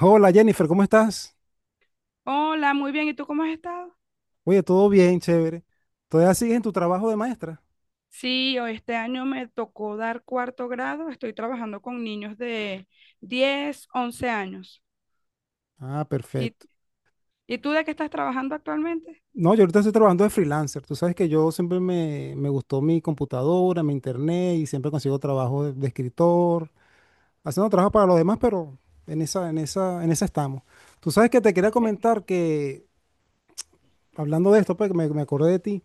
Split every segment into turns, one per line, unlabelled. Hola Jennifer, ¿cómo estás?
Hola, muy bien. ¿Y tú cómo has estado?
Oye, todo bien, chévere. ¿Todavía sigues en tu trabajo de maestra?
Sí, hoy este año me tocó dar cuarto grado. Estoy trabajando con niños de 10, 11 años.
Ah,
¿Y,
perfecto.
y tú de qué estás trabajando actualmente?
No, yo ahorita estoy trabajando de freelancer. Tú sabes que yo siempre me gustó mi computadora, mi internet y siempre consigo trabajo de escritor, haciendo trabajo para los demás, pero en esa estamos. Tú sabes que te quería
Eh,
comentar que, hablando de esto, pues me acordé de ti,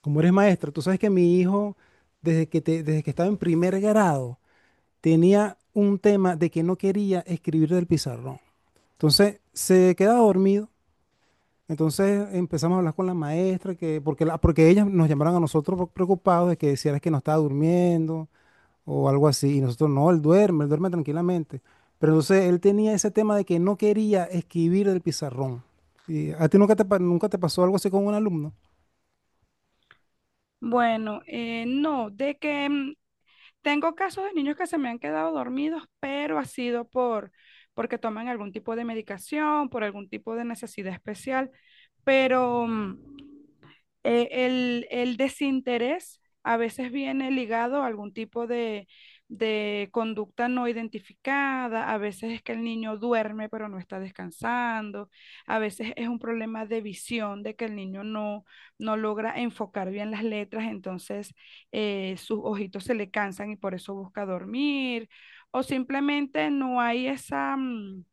como eres maestra. Tú sabes que mi hijo, desde que estaba en primer grado, tenía un tema de que no quería escribir del pizarrón. Entonces se quedaba dormido. Entonces empezamos a hablar con la maestra, porque ellas nos llamaron a nosotros preocupados de que decían que no estaba durmiendo o algo así. Y nosotros, no, él duerme tranquilamente. Pero entonces él tenía ese tema de que no quería escribir del pizarrón. ¿Y a ti nunca te pasó algo así con un alumno?
Bueno, no, tengo casos de niños que se me han quedado dormidos, pero ha sido porque toman algún tipo de medicación, por algún tipo de necesidad especial, pero el desinterés a veces viene ligado a algún tipo de conducta no identificada. A veces es que el niño duerme pero no está descansando, a veces es un problema de visión de que el niño no logra enfocar bien las letras. Entonces sus ojitos se le cansan y por eso busca dormir, o simplemente no hay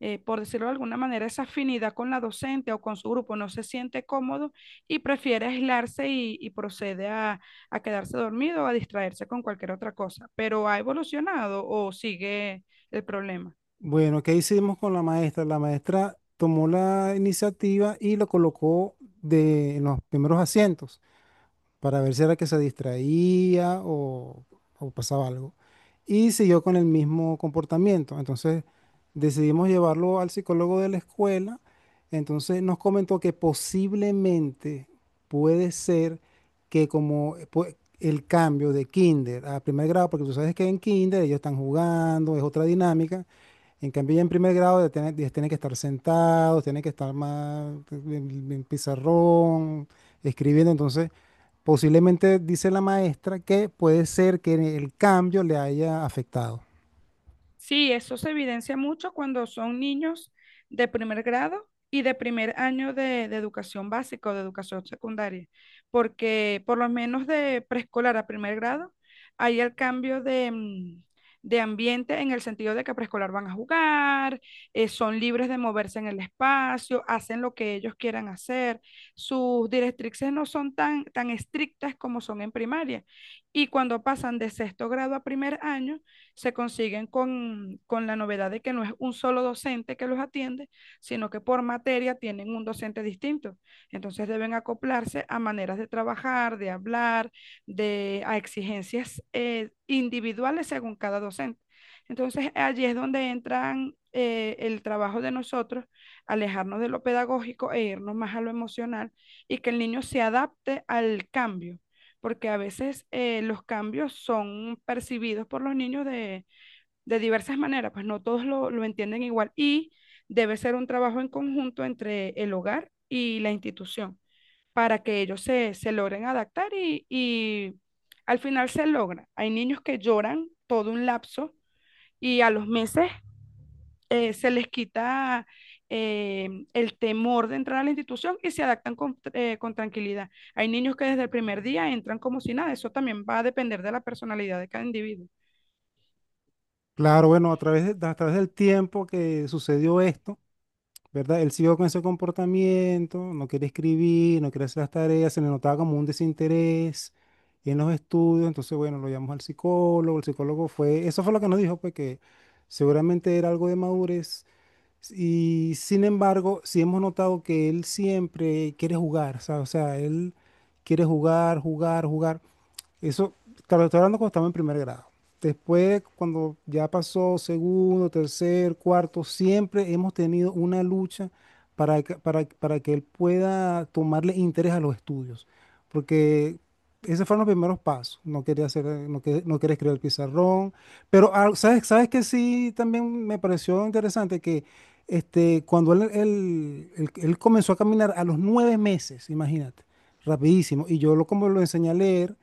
por decirlo de alguna manera, esa afinidad con la docente o con su grupo. No se siente cómodo y prefiere aislarse, y procede a quedarse dormido o a distraerse con cualquier otra cosa. ¿Pero ha evolucionado o sigue el problema?
Bueno, ¿qué hicimos con la maestra? La maestra tomó la iniciativa y lo colocó en los primeros asientos, para ver si era que se distraía o pasaba algo. Y siguió con el mismo comportamiento. Entonces decidimos llevarlo al psicólogo de la escuela. Entonces nos comentó que posiblemente puede ser que como el cambio de kinder a primer grado, porque tú sabes que en kinder ellos están jugando, es otra dinámica. En cambio, ya en primer grado ya tienen, que estar sentados, tienen que estar más en pizarrón, escribiendo. Entonces, posiblemente dice la maestra que puede ser que el cambio le haya afectado.
Sí, eso se evidencia mucho cuando son niños de primer grado y de primer año de educación básica o de educación secundaria, porque por lo menos de preescolar a primer grado hay el cambio de ambiente, en el sentido de que preescolar van a jugar, son libres de moverse en el espacio, hacen lo que ellos quieran hacer. Sus directrices no son tan estrictas como son en primaria. Y cuando pasan de sexto grado a primer año, se consiguen con la novedad de que no es un solo docente que los atiende, sino que por materia tienen un docente distinto. Entonces deben acoplarse a maneras de trabajar, de hablar, a exigencias individuales según cada docente. Entonces, allí es donde entran el trabajo de nosotros, alejarnos de lo pedagógico e irnos más a lo emocional, y que el niño se adapte al cambio, porque a veces los cambios son percibidos por los niños de diversas maneras. Pues no todos lo entienden igual y debe ser un trabajo en conjunto entre el hogar y la institución para que ellos se logren adaptar, y al final se logra. Hay niños que lloran todo un lapso y a los meses se les quita el temor de entrar a la institución y se adaptan con tranquilidad. Hay niños que desde el primer día entran como si nada. Eso también va a depender de la personalidad de cada individuo.
Claro, bueno, a través del tiempo que sucedió esto, ¿verdad? Él siguió con ese comportamiento, no quería escribir, no quería hacer las tareas, se le notaba como un desinterés en los estudios. Entonces, bueno, lo llamamos al psicólogo, el psicólogo fue, eso fue lo que nos dijo, pues que seguramente era algo de madurez. Y sin embargo, sí hemos notado que él siempre quiere jugar, ¿sabes? O sea, él quiere jugar, jugar, jugar. Eso, claro, estoy hablando cuando estaba en primer grado. Después, cuando ya pasó segundo, tercer, cuarto, siempre hemos tenido una lucha para que él pueda tomarle interés a los estudios. Porque esos fueron los primeros pasos. No quería hacer, no, no quería escribir el pizarrón. Pero, ah, ¿sabes que sí también me pareció interesante que este, cuando él comenzó a caminar a los 9 meses? Imagínate, rapidísimo. Y yo como lo enseñé a leer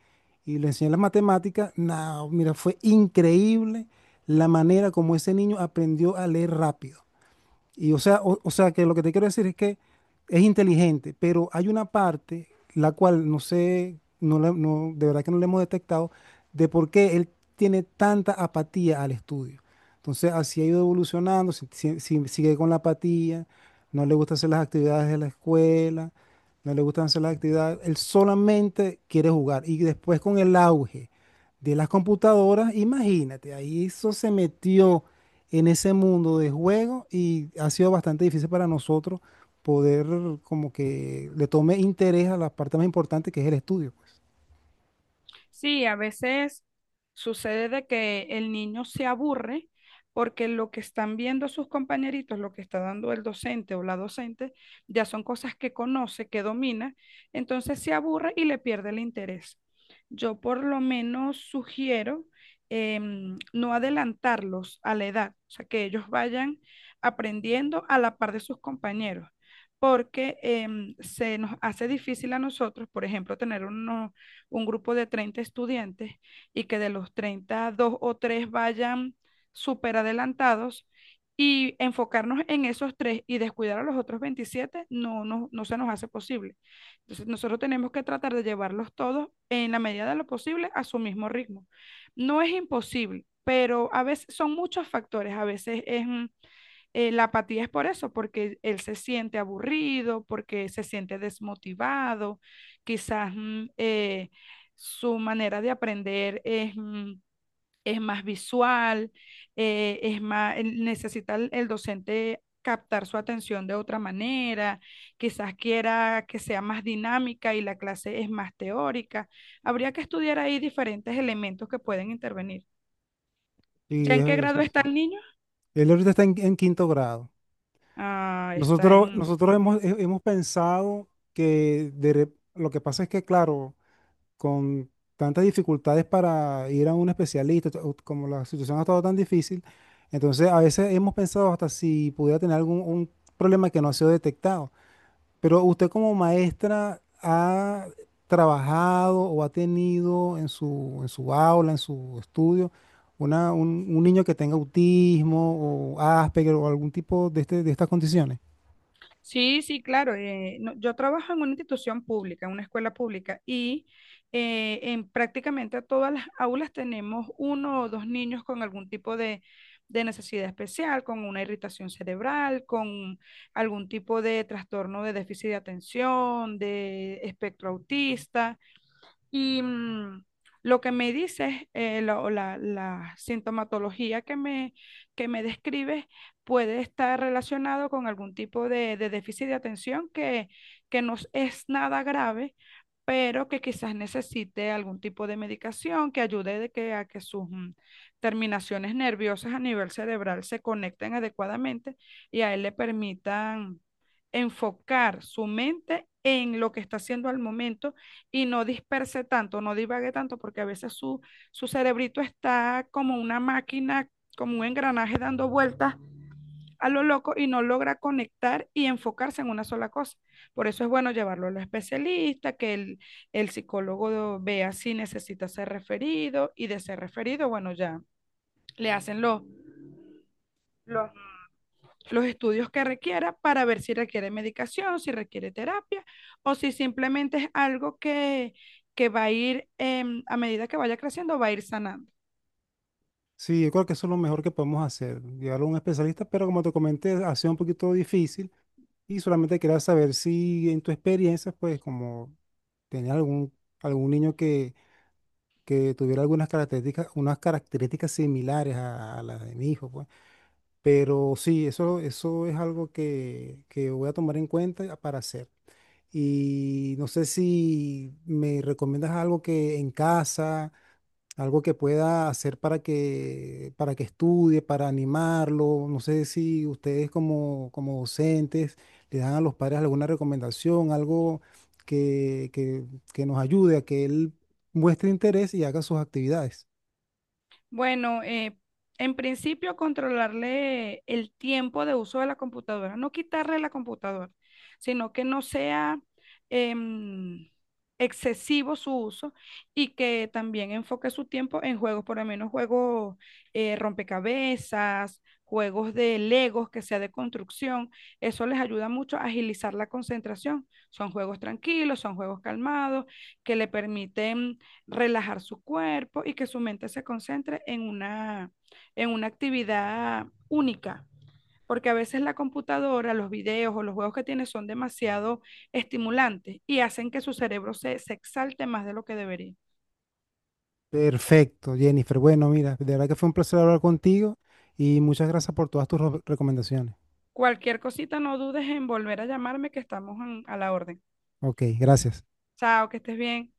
y le enseñé las matemáticas. No, mira, fue increíble la manera como ese niño aprendió a leer rápido. Y o sea que lo que te quiero decir es que es inteligente, pero hay una parte la cual no sé, de verdad que no le hemos detectado de por qué él tiene tanta apatía al estudio. Entonces, así ha ido evolucionando, sigue con la apatía, no le gusta hacer las actividades de la escuela, no le gustan hacer las actividades, él solamente quiere jugar. Y después con el auge de las computadoras, imagínate, ahí eso se metió en ese mundo de juego y ha sido bastante difícil para nosotros poder como que le tome interés a la parte más importante que es el estudio, pues.
Sí, a veces sucede de que el niño se aburre porque lo que están viendo sus compañeritos, lo que está dando el docente o la docente, ya son cosas que conoce, que domina. Entonces se aburre y le pierde el interés. Yo por lo menos sugiero no adelantarlos a la edad, o sea, que ellos vayan aprendiendo a la par de sus compañeros, porque se nos hace difícil a nosotros, por ejemplo, tener unos un grupo de 30 estudiantes y que de los 30 dos o tres vayan súper adelantados, y enfocarnos en esos tres y descuidar a los otros 27, no, no, no se nos hace posible. Entonces, nosotros tenemos que tratar de llevarlos todos en la medida de lo posible a su mismo ritmo. No es imposible, pero a veces son muchos factores. A veces la apatía es por eso, porque él se siente aburrido, porque se siente desmotivado. Quizás su manera de aprender es más visual. Necesita el docente captar su atención de otra manera, quizás quiera que sea más dinámica y la clase es más teórica. Habría que estudiar ahí diferentes elementos que pueden intervenir. ¿Ya
Y
en
es-
qué grado está
sí.
el niño?
Él ahorita está en quinto grado.
Ah, está
Nosotros,
en...
nosotros hemos pensado que lo que pasa es que, claro, con tantas dificultades para ir a un especialista, o como la situación ha estado tan difícil, entonces a veces hemos pensado hasta si pudiera tener algún un problema que no ha sido detectado. Pero usted como maestra ha trabajado o ha tenido en su aula, en su estudio, un niño que tenga autismo o Asperger o algún tipo de estas condiciones.
Sí, sí, claro. Yo trabajo en una institución pública, en una escuela pública, y en prácticamente todas las aulas tenemos uno o dos niños con algún tipo de necesidad especial, con una irritación cerebral, con algún tipo de trastorno de déficit de atención, de espectro autista. Y lo que me dices, la sintomatología que me describes puede estar relacionado con algún tipo de déficit de atención que no es nada grave, pero que quizás necesite algún tipo de medicación que ayude de que, a que sus terminaciones nerviosas a nivel cerebral se conecten adecuadamente y a él le permitan enfocar su mente en lo que está haciendo al momento, y no disperse tanto, no divague tanto, porque a veces su cerebrito está como una máquina, como un engranaje dando vueltas a lo loco, y no logra conectar y enfocarse en una sola cosa. Por eso es bueno llevarlo a los especialistas, que el psicólogo vea si necesita ser referido, y de ser referido, bueno, ya le hacen los los estudios que requiera para ver si requiere medicación, si requiere terapia, o si simplemente es algo que va a ir a medida que vaya creciendo, va a ir sanando.
Sí, yo creo que eso es lo mejor que podemos hacer, llevarlo a un especialista, pero como te comenté, ha sido un poquito difícil y solamente quería saber si en tu experiencia, pues como tenías algún, algún niño que tuviera algunas características, unas características similares a las de mi hijo, pues. Pero sí, eso es algo que voy a tomar en cuenta para hacer. Y no sé si me recomiendas algo que en casa, algo que pueda hacer para que estudie, para animarlo. No sé si ustedes como docentes le dan a los padres alguna recomendación, algo que, que, que nos ayude a que él muestre interés y haga sus actividades.
Bueno, en principio controlarle el tiempo de uso de la computadora, no quitarle la computadora, sino que no sea em, excesivo su uso, y que también enfoque su tiempo en juegos, por lo menos juegos rompecabezas, juegos de Legos que sea de construcción. Eso les ayuda mucho a agilizar la concentración. Son juegos tranquilos, son juegos calmados, que le permiten relajar su cuerpo y que su mente se concentre en una actividad única, porque a veces la computadora, los videos o los juegos que tiene son demasiado estimulantes, y hacen que su cerebro se exalte más de lo que debería.
Perfecto, Jennifer. Bueno, mira, de verdad que fue un placer hablar contigo y muchas gracias por todas tus recomendaciones.
Cualquier cosita, no dudes en volver a llamarme, que estamos a la orden.
Ok, gracias.
Chao, que estés bien.